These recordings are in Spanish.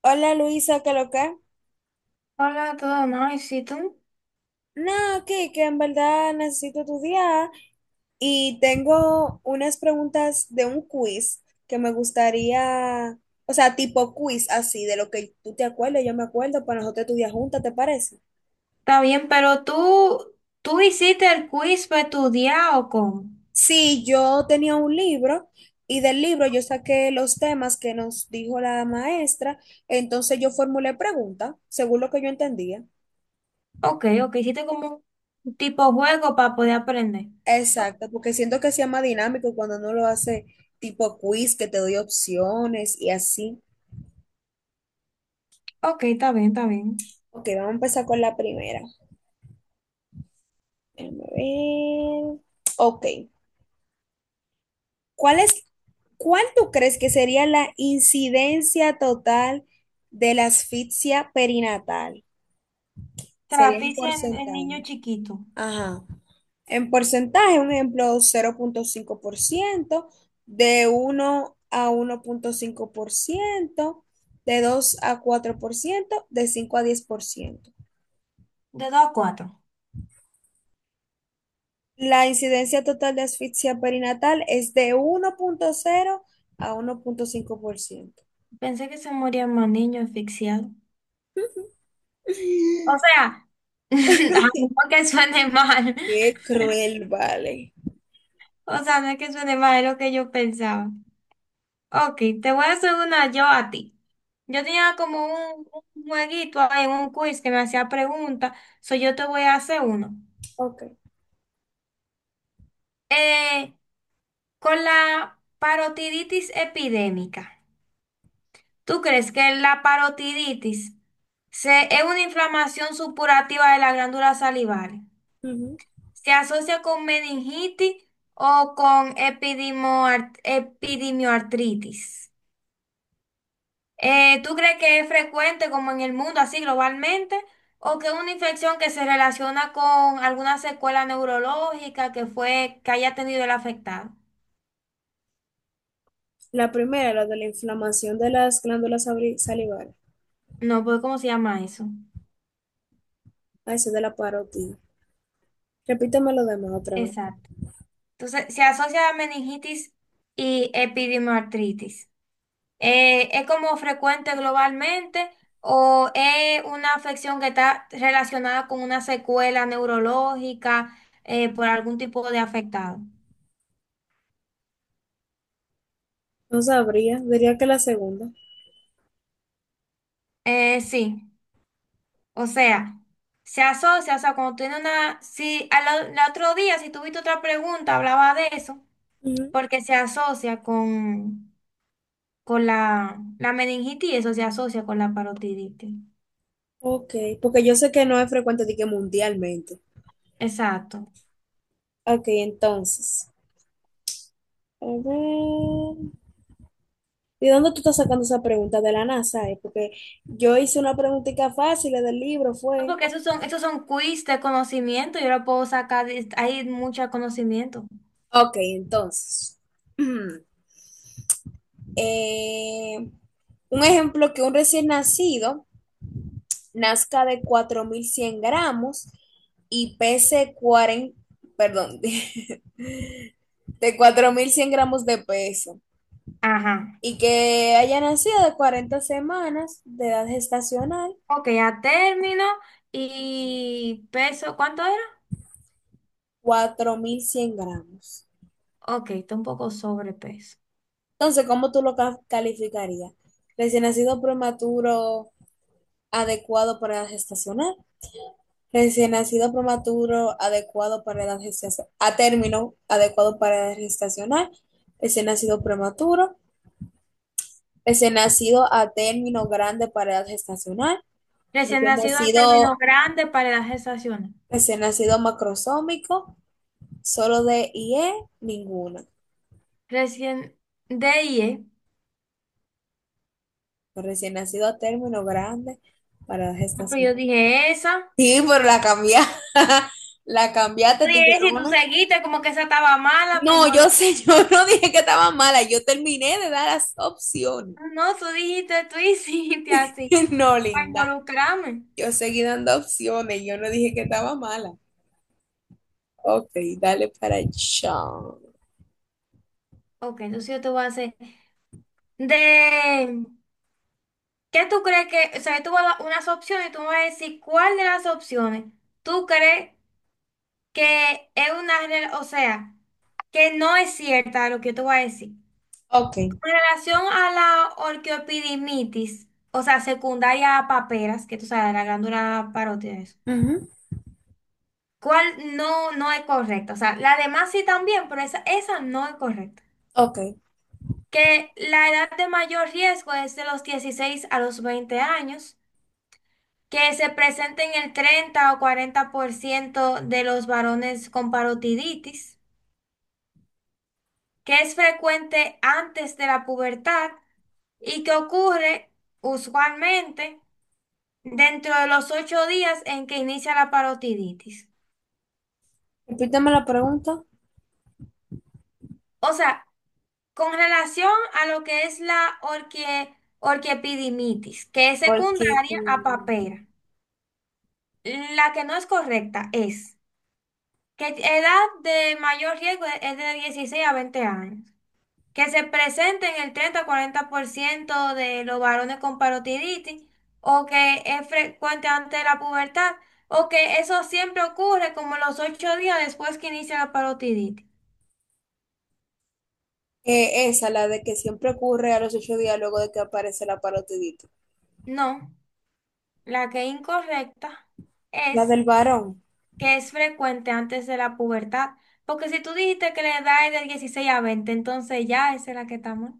Hola Luisa, ¿qué lo que? Hola, todo nice. ¿Y si tú? No, que en verdad necesito tu día y tengo unas preguntas de un quiz que me gustaría, o sea, tipo quiz así, de lo que tú te acuerdas, yo me acuerdo, para nosotros estudiar juntas, ¿te parece? Está bien. ¿Pero tú hiciste el quiz para estudiar o cómo? Sí, yo tenía un libro y del libro yo saqué los temas que nos dijo la maestra, entonces yo formulé preguntas según lo que yo entendía. Ok, ok, hiciste como un tipo juego para poder aprender. O- Exacto, porque siento que sea más dinámico cuando uno lo hace tipo quiz, que te doy opciones y así. Ok, está bien, está bien. Ok, vamos a empezar con la primera. Déjame ver. Ok, ¿cuál es, cuál tú crees que sería la incidencia total de la asfixia perinatal? Sería en Traficia en niño porcentaje. chiquito, Ajá. En porcentaje, un ejemplo, 0,5% de 1 a 1,5% de 2 a 4% de 5 a 10%. de dos a cuatro. La incidencia total de asfixia perinatal es de 1,0 a uno punto cinco por ciento. Pensé que se morían más niños asfixiados. O sea, a lo mejor que suene mal. Qué cruel, vale. O sea, no es que suene mal, es lo que yo pensaba. Ok, te voy a hacer una yo a ti. Yo tenía como un jueguito ahí, un quiz que me hacía preguntas, so yo te voy a hacer uno. Ok. Eh, con la parotiditis epidémica, ¿tú crees que la parotiditis es una inflamación supurativa de las glándulas salivales? Ujú. ¿Se asocia con meningitis o con epidemioartritis? ¿Tú crees que es frecuente como en el mundo, así globalmente, o que es una infección que se relaciona con alguna secuela neurológica que haya tenido el afectado? La primera, la de la inflamación de las glándulas sabri- salivales. No, pues ¿cómo se llama eso? Ah, eso es de la parotida. Repítame lo demás otra vez. Exacto. Entonces, se asocia a meningitis y epidimartritis. ¿Es como frecuente globalmente o es una afección que está relacionada con una secuela neurológica por algún tipo de afectado? No sabría, diría que la segunda. Sí. O sea, se asocia, o sea, cuando tiene una, si al, o- el otro día, si tuviste otra pregunta, hablaba de eso, Ujú. porque se asocia con la meningitis, eso se asocia con la parotiditis. Ok, porque yo sé que no es frecuente, de que mundialmente. Exacto. Ok, entonces. A ver. ¿De dónde tú estás sacando esa pregunta? ¿De la NASA, eh? Porque yo hice una preguntita fácil del libro, No, fue. porque esos son quiz de conocimiento, yo lo puedo sacar, hay mucho conocimiento. Ok, entonces. Eh, un ejemplo que un recién nacido nazca de 4100 gramos y pese 40, perdón, de 4100 gramos de peso Ajá. y que haya nacido de 40 semanas de edad gestacional, Ok, a término y peso, ¿cuánto era? 4100 gramos. Ok, está un poco sobrepeso. Entonces, ¿cómo tú lo calificarías? Recién nacido prematuro adecuado para edad gestacional, recién nacido prematuro adecuado para edad gestacional, a término adecuado para edad gestacional, recién nacido prematuro, recién nacido a término grande para edad gestacional, Recién recién nacido a término nacido, grande para la gestación. recién nacido macrosómico, solo de IE, ninguna. Recién de IE. Recién nacido a término grande para edad Ah, pero gestacional. yo dije esa. Sí, pero la cambié, la Yo cambiaste, dije, Si tú tiguerona. seguiste, como que esa estaba mala para No, yo involucrarme". sé, yo no dije que estaba mala, yo terminé de dar las opciones. No, tú dijiste, tú hiciste así, No, para linda, involucrarme. yo seguí dando opciones, yo no dije que estaba mala. Ok, dale para allá. Ok, entonces yo te voy a hacer. De, ¿Qué tú crees que, o sea, yo te voy a dar unas opciones y tú me vas a decir cuál de las opciones tú crees que es o sea, que no es cierta lo que yo te voy a decir? Ok, En relación a la orquiopidimitis, o sea, secundaria a paperas, que tú sabes, la glándula parótida, eso, ujú, ¿cuál no es correcta? O sea, la demás sí también, pero esa no es correcta. ok. Que la edad de mayor riesgo es de los 16 a los 20 años, que se presenta en el 30 o 40% de los varones con parotiditis, que es frecuente antes de la pubertad y que ocurre usualmente dentro de los 8 días en que inicia la parotiditis. Repítame la pregunta, O sea, con relación a lo que es la orquiepididimitis, que es porque secundaria a papera, la que no es correcta es que edad de mayor riesgo es de 16 a 20 años, que se presente en el 30-40% de los varones con parotiditis, o que es frecuente antes de la pubertad, o que eso siempre ocurre como los 8 días después que inicia la parotiditis. Esa, la de que siempre ocurre a los 8 días luego de que aparece la parotidita. No, la que es incorrecta La es del varón. que es frecuente antes de la pubertad. Porque si tú dijiste que la edad es de 16 a 20, entonces ya esa es la que estamos.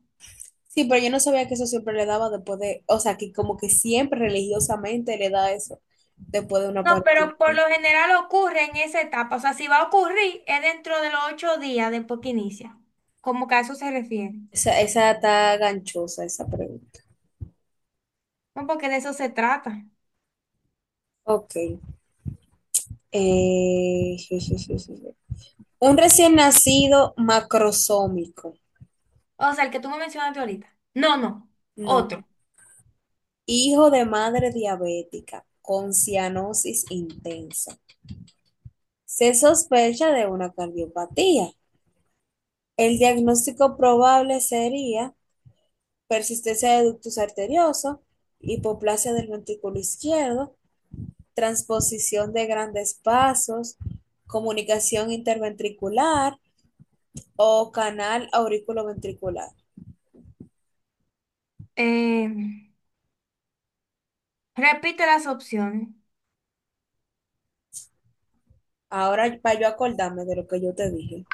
Sí, pero yo no sabía que eso siempre le daba después de, o sea, que como que siempre religiosamente le da eso después de una No, partida. pero por lo general ocurre en esa etapa. O sea, si va a ocurrir, es dentro de los 8 días después que inicia. Como que a eso se refiere. Esa está ganchosa, esa pregunta. No, porque de eso se trata. Ok. Je, je, je, je, je. Un recién nacido macrosómico. O sea, el que tú me mencionaste ahorita. No, no. No. Otro. Hijo de madre diabética con cianosis intensa. Se sospecha de una cardiopatía. El diagnóstico probable sería persistencia de ductus arterioso, hipoplasia del ventrículo izquierdo, transposición de grandes vasos, comunicación interventricular o canal auriculoventricular. Eh, repite las opciones. Ahora, para yo acordarme de lo que yo te dije,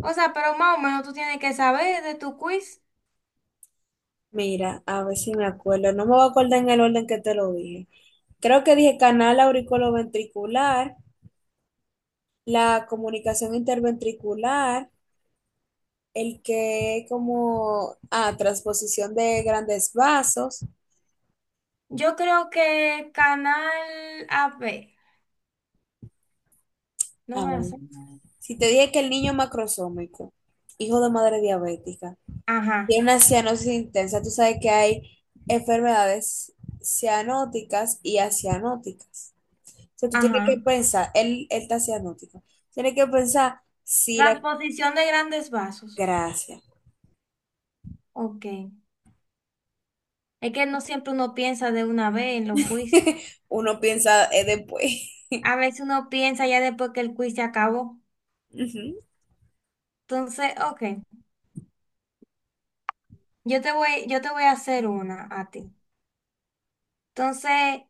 O sea, pero más o menos tú tienes que saber de tu quiz. mira, a ver si me acuerdo, no me voy a acordar en el orden que te lo dije. Creo que dije canal auriculoventricular, la comunicación interventricular, el que como, ah, transposición de grandes vasos. Yo creo que canal AB, no A me ver, hace. si te dije que el niño macrosómico, hijo de madre diabética, tiene Ajá, una cianosis intensa, tú sabes que hay enfermedades cianóticas y acianóticas. O sea, tú tienes ajá. que pensar, él está cianótico, tienes que pensar si la Transposición de grandes vasos. gracia. Ok. Es que no siempre uno piensa de una vez en los quiz. Uno piensa después. A veces uno piensa ya después que el quiz se acabó. Ujú, Entonces, ok. Yo te voy a hacer una a ti. Entonces,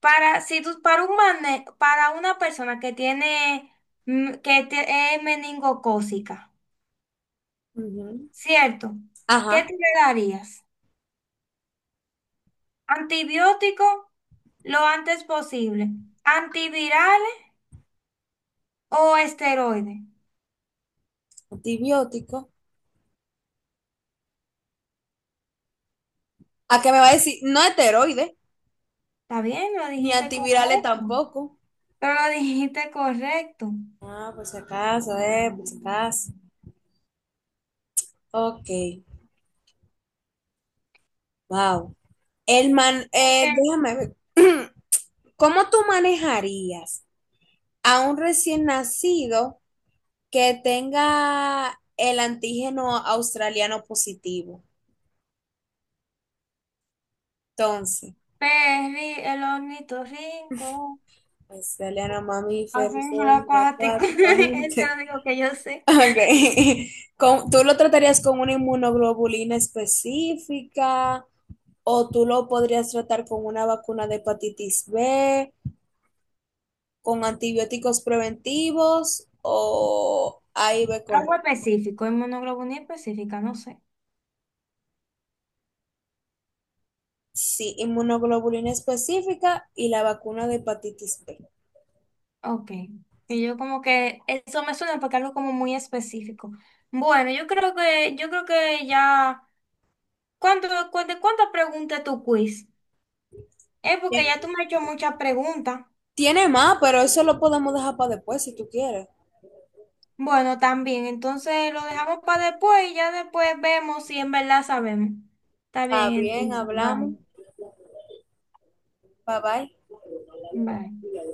para, si tú, para un mane- para una persona que tiene, es meningocócica, ujú. ¿cierto? ¿Qué Ajá, te le darías? Antibiótico lo antes posible. Antivirales o esteroides. antibiótico. ¿A qué me va a decir? No heteroide. Está bien, lo Ni dijiste antivirales correcto. tampoco. Pero lo dijiste correcto. Ah, por si acaso, por si acaso. Ok, wow. El man, Porque déjame ver. ¿Cómo tú manejarías a un recién nacido que tenga el antígeno australiano positivo? Entonces, el ornitorrinco, australiano mamífero, hacen lo semia, acuático. Eso acuático, es lo agente. único que yo sé. Ok. Con- ¿Tú lo tratarías con una inmunoglobulina específica? O tú lo podrías tratar con una vacuna de hepatitis B, con antibióticos preventivos o AIB Algo correcta. específico, inmunoglobulina específica, no sé. Sí, inmunoglobulina específica y la vacuna de hepatitis B. Ok. Y yo como que eso me suena porque algo como muy específico. Bueno, yo creo que ya. ¿De cuántas preguntas tu quiz? Es porque Bien, ya tú me has hecho muchas preguntas. tiene más, pero eso lo podemos dejar para después si tú quieres. Bueno, también, entonces lo dejamos para después y ya después vemos si en verdad sabemos. Está Está bien, bien, entonces, hablamos. bye, Bye bye. bye.